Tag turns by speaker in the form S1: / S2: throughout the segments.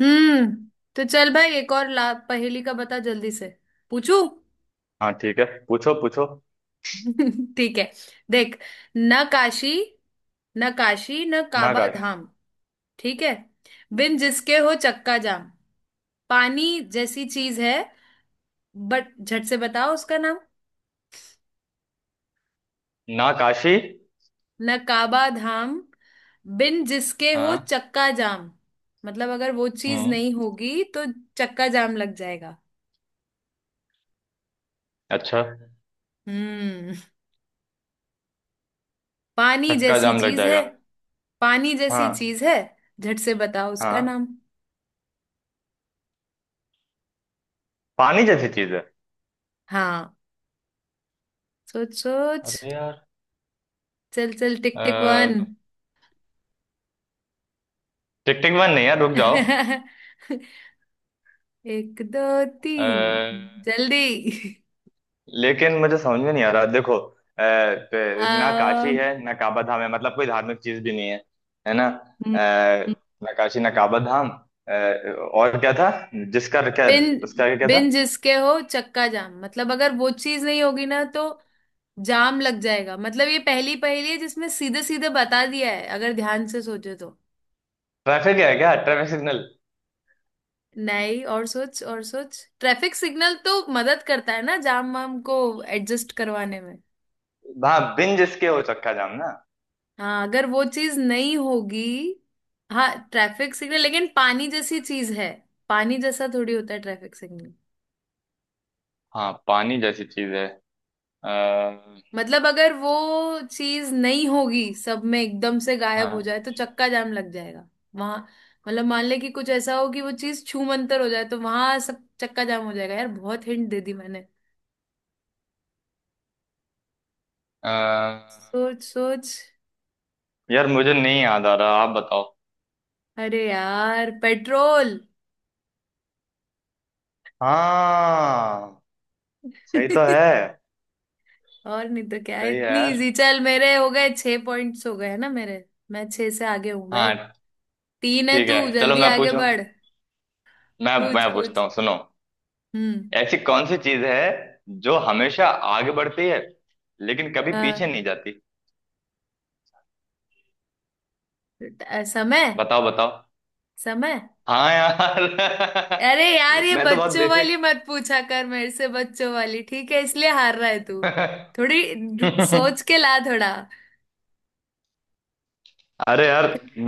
S1: हम्म। तो चल भाई, एक और ला, पहेली का बता जल्दी से पूछू।
S2: हाँ, ठीक है। पूछो पूछो।
S1: ठीक है, देख। न काशी न काशी न काबा
S2: नाकाश।
S1: धाम। ठीक है। बिन जिसके हो चक्का जाम, पानी जैसी चीज है, बट झट से बताओ उसका नाम।
S2: नाकाशी।
S1: न काबा धाम, बिन जिसके हो
S2: हाँ।
S1: चक्का जाम, मतलब अगर वो चीज
S2: हम्म।
S1: नहीं होगी तो चक्का जाम लग जाएगा।
S2: अच्छा।
S1: हम्म। पानी
S2: चक्का
S1: जैसी
S2: जाम लग
S1: चीज है,
S2: जाएगा।
S1: पानी जैसी
S2: हाँ।
S1: चीज है, झट से बताओ उसका
S2: हाँ,
S1: नाम।
S2: पानी जैसी चीज है।
S1: हाँ, सोच सोच।
S2: अरे यार।
S1: चल चल, tick
S2: uh,
S1: tick one.
S2: Tick tick one नहीं यार, रुक जाओ।
S1: एक, दो,
S2: अ,
S1: तीन, जल्दी।
S2: लेकिन मुझे समझ में नहीं आ रहा। देखो, ना
S1: आ,
S2: काशी है, ना काबा धाम है, मतलब कोई धार्मिक चीज भी नहीं है। है ना
S1: बिन
S2: ना काशी ना काबा धाम। अ, और क्या था? जिसका क्या? उसका आगे क्या था?
S1: बिन जिसके हो चक्का जाम, मतलब अगर वो चीज नहीं होगी ना तो जाम लग जाएगा। मतलब ये पहली पहेली है जिसमें सीधे सीधे बता दिया है अगर ध्यान से सोचे तो।
S2: ट्रैफिक है क्या? Traffic signal.
S1: नहीं, और सोच और सोच, ट्रैफिक सिग्नल तो मदद करता है ना जाम वाम को एडजस्ट करवाने में।
S2: हाँ, बिन जिसके हो चक्का जाम ना।
S1: हाँ, अगर वो चीज नहीं होगी। हाँ, ट्रैफिक सिग्नल, लेकिन पानी जैसी चीज है, पानी जैसा थोड़ी होता है ट्रैफिक सिग्नल।
S2: हाँ, पानी जैसी चीज है। आ,
S1: मतलब अगर वो चीज नहीं होगी, सब में एकदम से गायब हो जाए
S2: हाँ,
S1: तो चक्का जाम लग जाएगा वहां। मतलब मान ले कि कुछ ऐसा हो कि वो चीज छूमंतर हो जाए तो वहां सब चक्का जाम हो जाएगा। यार, बहुत हिंट दे दी मैंने।
S2: अ,
S1: सोच सोच।
S2: यार मुझे नहीं याद आ रहा, आप बताओ।
S1: अरे यार, पेट्रोल।
S2: हाँ, सही तो है।
S1: और नहीं तो क्या है,
S2: सही है
S1: इतनी
S2: यार।
S1: इजी। चल, मेरे हो गए छह पॉइंट्स, हो गए ना मेरे। मैं छह से आगे हूँ भाई।
S2: हाँ,
S1: तीन है
S2: ठीक है,
S1: तू,
S2: चलो
S1: जल्दी
S2: मैं
S1: आगे
S2: पूछूं।
S1: बढ़।
S2: मैं
S1: पूछ
S2: मैं पूछता
S1: पूछ।
S2: हूँ, सुनो।
S1: हम्म।
S2: ऐसी कौन सी चीज है जो हमेशा आगे बढ़ती है लेकिन कभी पीछे
S1: हाँ,
S2: नहीं जाती?
S1: समय।
S2: बताओ बताओ।
S1: समय।
S2: हाँ यार
S1: अरे यार, ये
S2: मैं तो बहुत
S1: बच्चों वाली
S2: बेसिक
S1: मत पूछा कर मेरे से, बच्चों वाली ठीक है, इसलिए हार रहा है तू। थोड़ी सोच के ला थोड़ा।
S2: अरे यार, मैं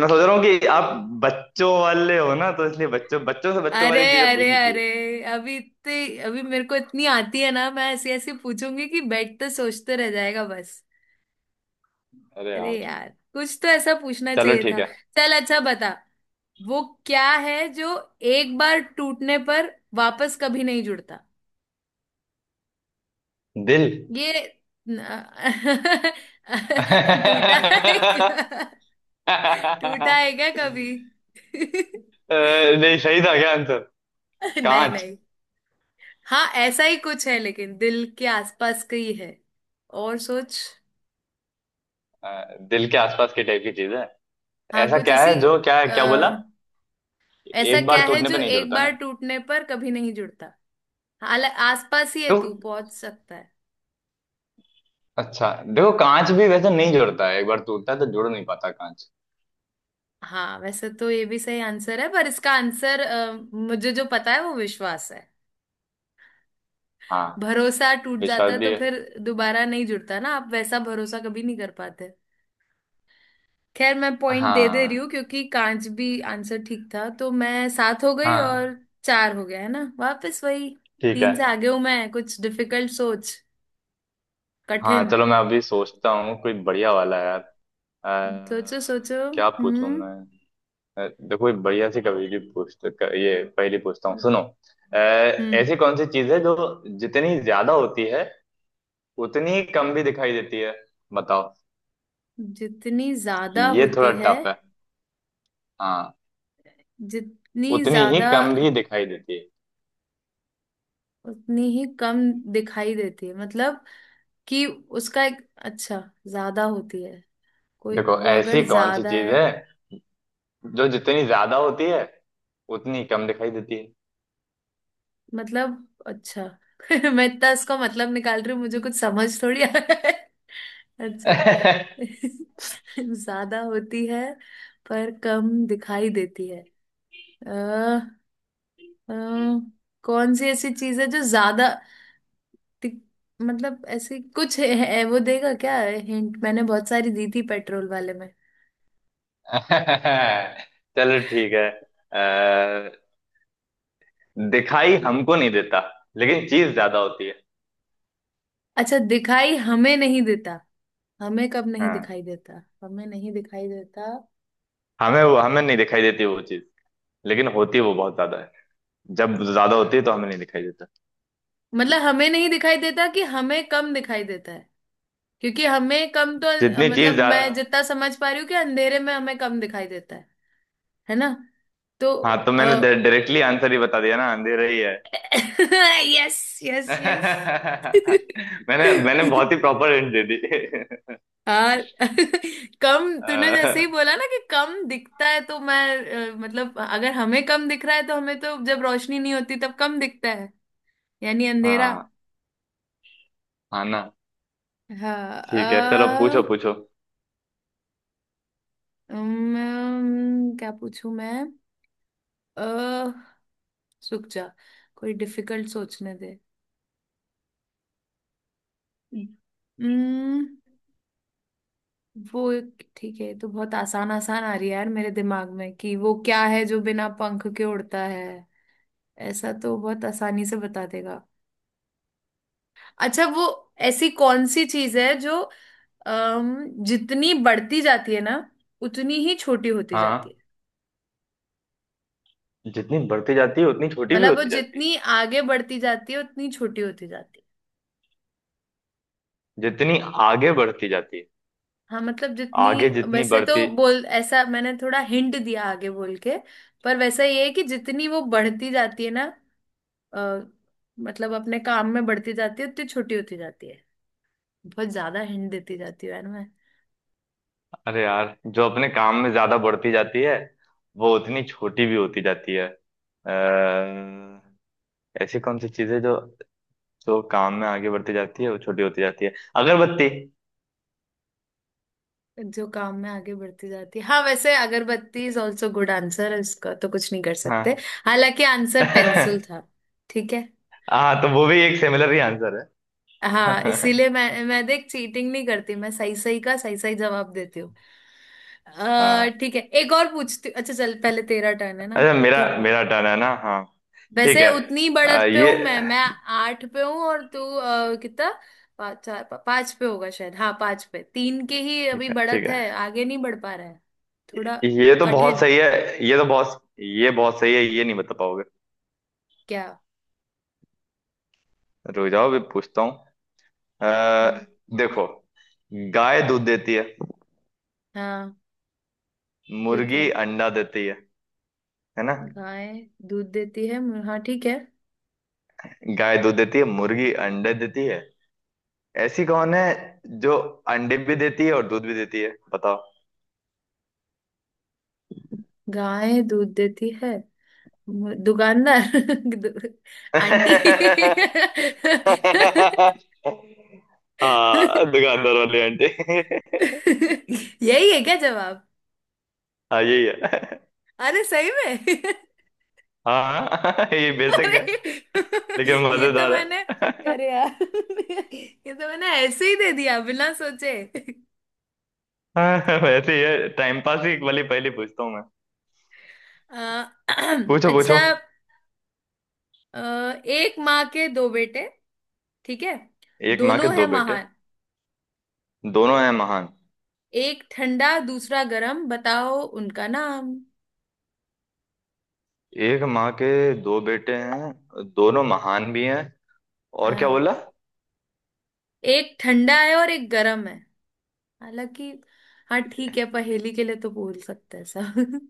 S2: मैं सोच रहा हूँ कि आप बच्चों वाले हो ना, तो इसलिए बच्चों बच्चों से बच्चों
S1: अरे
S2: वाली चीजें
S1: अरे
S2: पूछनी चाहिए।
S1: अरे, अभी इतने, अभी मेरे को इतनी आती है ना, मैं ऐसी ऐसी पूछूंगी कि बैठ तो सोचते रह जाएगा बस।
S2: अरे
S1: अरे
S2: यार,
S1: यार, कुछ तो ऐसा पूछना
S2: चलो
S1: चाहिए
S2: ठीक
S1: था।
S2: है।
S1: चल अच्छा, बता वो क्या है जो एक बार टूटने पर वापस कभी नहीं जुड़ता।
S2: दिल
S1: ये न- टूटा है
S2: अ,
S1: क्या, टूटा है क्या कभी?
S2: नहीं, सही था क्या आंसर?
S1: नहीं
S2: कांच।
S1: नहीं। हाँ, ऐसा ही कुछ है लेकिन दिल के आसपास का ही है। और सोच।
S2: दिल के आसपास की टाइप की चीज है।
S1: हाँ,
S2: ऐसा
S1: कुछ
S2: क्या
S1: ऐसी।
S2: है जो, क्या
S1: अ,
S2: क्या बोला?
S1: ऐसा
S2: एक
S1: क्या
S2: बार
S1: है
S2: टूटने
S1: जो
S2: पे नहीं
S1: एक
S2: जुड़ता
S1: बार
S2: ना?
S1: टूटने पर कभी नहीं जुड़ता, हालांकि आसपास ही है,
S2: तो
S1: तू पहुंच सकता है।
S2: अच्छा, देखो कांच भी वैसे नहीं जुड़ता है, एक बार टूटता है तो जुड़ नहीं पाता कांच।
S1: हाँ, वैसे तो ये भी सही आंसर है, पर इसका आंसर मुझे जो पता है वो विश्वास है।
S2: हाँ,
S1: भरोसा टूट जाता
S2: विश्वास
S1: है
S2: भी
S1: तो
S2: है।
S1: फिर दोबारा नहीं जुड़ता ना, आप वैसा भरोसा कभी नहीं कर पाते। खैर, मैं पॉइंट दे दे रही
S2: हाँ।
S1: हूँ क्योंकि कांच भी आंसर ठीक था, तो मैं सात हो गई और
S2: हाँ,
S1: चार हो गया है ना वापस वही।
S2: ठीक है।
S1: तीन से आगे हूं मैं। कुछ डिफिकल्ट सोच,
S2: हाँ
S1: कठिन।
S2: चलो, मैं अभी सोचता हूँ कोई बढ़िया वाला यार।
S1: सोचो
S2: अ,
S1: सोचो।
S2: क्या पूछूं
S1: हम्म।
S2: मैं? देखो एक बढ़िया सी कभी भी पूछते। ये पहली पूछता हूँ, सुनो।
S1: हम्म।
S2: ऐसी कौन सी चीज है जो जितनी ज्यादा होती है उतनी ही कम भी दिखाई देती है? बताओ।
S1: जितनी ज्यादा
S2: ये थोड़ा
S1: होती है।
S2: टफ है। हाँ।
S1: जितनी
S2: उतनी ही
S1: ज्यादा
S2: कम भी दिखाई देती है।
S1: उतनी ही कम दिखाई देती है, मतलब कि उसका एक अच्छा। ज्यादा होती है, कोई
S2: देखो,
S1: वो अगर
S2: ऐसी कौन सी
S1: ज्यादा
S2: चीज
S1: है,
S2: है जो जितनी ज्यादा होती है उतनी कम दिखाई देती
S1: मतलब अच्छा। मैं इतना इसका मतलब निकाल रही हूँ, मुझे कुछ समझ थोड़ी आ रहा है। अच्छा।
S2: है?
S1: ज्यादा होती है पर कम दिखाई देती है। अ, अ, कौन सी ऐसी चीज है जो ज्यादा ति- मतलब ऐसे कुछ है, वो देगा क्या हिंट, मैंने बहुत सारी दी थी पेट्रोल वाले में।
S2: चलो ठीक है। अ, दिखाई हमको नहीं देता लेकिन चीज ज्यादा होती है।
S1: अच्छा, दिखाई हमें नहीं देता। हमें कब नहीं
S2: हाँ,
S1: दिखाई देता? हमें नहीं दिखाई देता,
S2: हमें नहीं दिखाई देती वो चीज, लेकिन होती वो बहुत ज्यादा है। जब ज्यादा होती है तो हमें नहीं दिखाई देता।
S1: मतलब हमें नहीं दिखाई देता कि हमें कम दिखाई देता है? क्योंकि हमें कम तो
S2: जितनी
S1: मतलब
S2: चीज ज्या-
S1: मैं जितना समझ पा रही हूँ कि अंधेरे में हमें कम दिखाई देता है ना? तो
S2: हाँ, तो मैंने डायरेक्टली आंसर ही बता दिया ना, अंधेरा ही है।
S1: Yes yes yes.
S2: मैंने मैंने बहुत ही प्रॉपर हिंट दे दी
S1: हाँ। कम तूने जैसे ही
S2: अ,
S1: बोला ना कि कम दिखता है तो मैं, मतलब अगर हमें कम दिख रहा है तो हमें तो, जब रोशनी नहीं होती तब कम दिखता है, यानी अंधेरा।
S2: हाँ। हाँ ना।
S1: हाँ।
S2: ठीक है, चलो पूछो पूछो।
S1: क्या पूछूं मैं? अ रुक जा, कोई डिफिकल्ट सोचने दे। अम्म, ठीक है, ये तो बहुत आसान आसान आ रही है यार मेरे दिमाग में, कि वो क्या है जो बिना पंख के उड़ता है, ऐसा तो बहुत आसानी से बता देगा। अच्छा वो, ऐसी कौन सी चीज है जो जितनी बढ़ती जाती है ना उतनी ही छोटी होती जाती
S2: हाँ,
S1: है,
S2: जितनी बढ़ती जाती है उतनी छोटी भी
S1: मतलब वो
S2: होती जाती है।
S1: जितनी आगे बढ़ती जाती है उतनी छोटी होती जाती है।
S2: जितनी आगे बढ़ती जाती है।
S1: हाँ, मतलब जितनी,
S2: आगे जितनी
S1: वैसे तो
S2: बढ़ती।
S1: बोल, ऐसा मैंने थोड़ा हिंट दिया आगे बोल के, पर वैसा ये है कि जितनी वो बढ़ती जाती है ना, अ, मतलब अपने काम में बढ़ती जाती है उतनी छोटी होती जाती है। बहुत ज्यादा हिंट देती जाती है यार मैं।
S2: अरे यार, जो अपने काम में ज्यादा बढ़ती जाती है वो उतनी छोटी भी होती जाती है। ऐसी कौन सी चीजें जो, जो काम में आगे बढ़ती जाती है वो छोटी होती जाती है? अगरबत्ती।
S1: जो काम में आगे बढ़ती जाती है, हाँ, वैसे अगरबत्ती इज ऑल्सो गुड आंसर है, उसका तो कुछ नहीं कर सकते,
S2: हाँ
S1: हालांकि आंसर पेंसिल था। ठीक है।
S2: हाँ, तो वो भी एक सिमिलर ही आंसर है।
S1: हाँ, इसीलिए मैं देख, चीटिंग नहीं करती, मैं सही सही का सही सही जवाब देती हूँ।
S2: हाँ।
S1: ठीक है, एक और पूछती हूँ। अच्छा चल, पहले तेरा टर्न है ना,
S2: अच्छा, मेरा
S1: तू पूछ।
S2: मेरा टर्न है ना? हाँ, ठीक
S1: वैसे
S2: है।
S1: उतनी बढ़त पे
S2: ये
S1: हूँ मैं आठ पे हूँ और तू कितना? पाँच, चार, पाँच पे होगा शायद। हाँ, पाँच पे, तीन के ही अभी
S2: ठीक है, ठीक
S1: बढ़त
S2: है।
S1: है, आगे नहीं बढ़ पा रहा है थोड़ा।
S2: ये तो बहुत
S1: कठिन,
S2: सही है, ये बहुत सही है, ये नहीं बता पाओगे।
S1: क्या?
S2: रुक जाओ, अभी पूछता। अ,
S1: हम्म।
S2: देखो, गाय दूध देती है,
S1: हाँ ठीक
S2: मुर्गी
S1: है,
S2: अंडा देती है। है ना?
S1: गाय दूध देती है। हाँ ठीक है,
S2: गाय दूध देती है, मुर्गी अंडे देती है। ऐसी कौन है जो अंडे भी देती है और दूध भी देती है? बताओ।
S1: गाय दूध देती है। दुकानदार। दु- आंटी।
S2: हाँ, दुकानदार वाली आंटी
S1: यही है क्या जवाब?
S2: हाँ, यही है।
S1: अरे सही में!
S2: हाँ ये बेसिक है
S1: अरे
S2: लेकिन
S1: ये तो
S2: मजेदार
S1: मैंने
S2: है।
S1: अरे यार, ये तो मैंने ऐसे ही दे दिया बिना सोचे।
S2: हाँ, वैसे ही है, टाइम पास ही वाली पहली पूछता हूँ मैं।
S1: अ,
S2: पूछो पूछो।
S1: अच्छा। अ, एक माँ के दो बेटे, ठीक है,
S2: एक माँ के
S1: दोनों है
S2: दो बेटे।
S1: महान,
S2: दोनों हैं महान।
S1: एक ठंडा दूसरा गरम, बताओ उनका नाम।
S2: एक माँ के दो बेटे हैं, दोनों महान भी हैं। और क्या
S1: हाँ,
S2: बोला?
S1: एक ठंडा है और एक गरम है। हालांकि, हाँ ठीक है, पहेली के लिए तो बोल सकते हैं सब।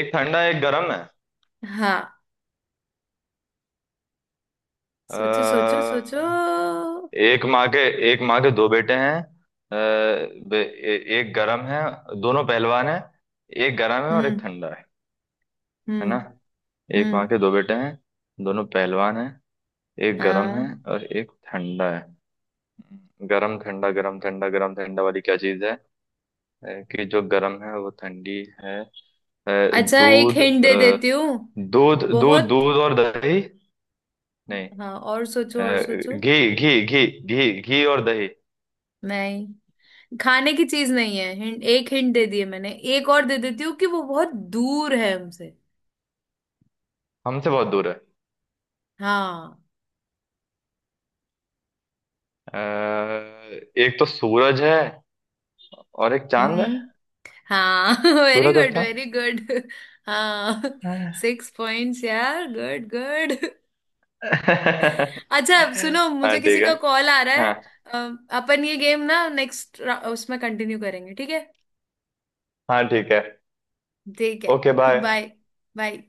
S2: एक ठंडा एक गर्म है।
S1: हाँ, सोचो सोचो सोचो।
S2: अ,
S1: हम्म।
S2: एक माँ के एक माँ के दो बेटे हैं। बे- एक गर्म है, दोनों पहलवान हैं, एक गर्म है और एक ठंडा है। है ना?
S1: हम्म।
S2: एक माँ
S1: हम्म।
S2: के दो बेटे हैं, दोनों पहलवान हैं, एक गर्म है
S1: हाँ,
S2: और एक ठंडा है। गरम ठंडा गरम ठंडा गरम ठंडा वाली क्या चीज है कि जो गरम है वो ठंडी है। अ,
S1: अच्छा, एक
S2: दूध
S1: हिंट दे देती हूँ।
S2: दूध दूध
S1: बहुत।
S2: दूध और दही। नहीं।
S1: हाँ, और सोचो और सोचो।
S2: अ, घी घी घी घी घी और दही।
S1: नहीं, खाने की चीज नहीं है हिंट, एक हिंट दे दिए मैंने, एक और दे देती हूँ कि वो बहुत दूर है हमसे।
S2: हमसे बहुत दूर है।
S1: हाँ।
S2: अ, एक तो सूरज है और एक चांद है।
S1: हम्म। हाँ, वेरी
S2: सूरज और
S1: गुड
S2: चांद।
S1: Very good. हाँ,
S2: हाँ
S1: सिक्स पॉइंट्स यार, गुड गुड। अच्छा, अब सुनो, मुझे
S2: हाँ,
S1: किसी
S2: ठीक है।
S1: का कॉल आ रहा है।
S2: हाँ।
S1: अपन ये गेम ना नेक्स्ट उसमें कंटिन्यू करेंगे, ठीक है?
S2: हाँ, ठीक है।
S1: ठीक है।
S2: Okay bye.
S1: बाय। बाय।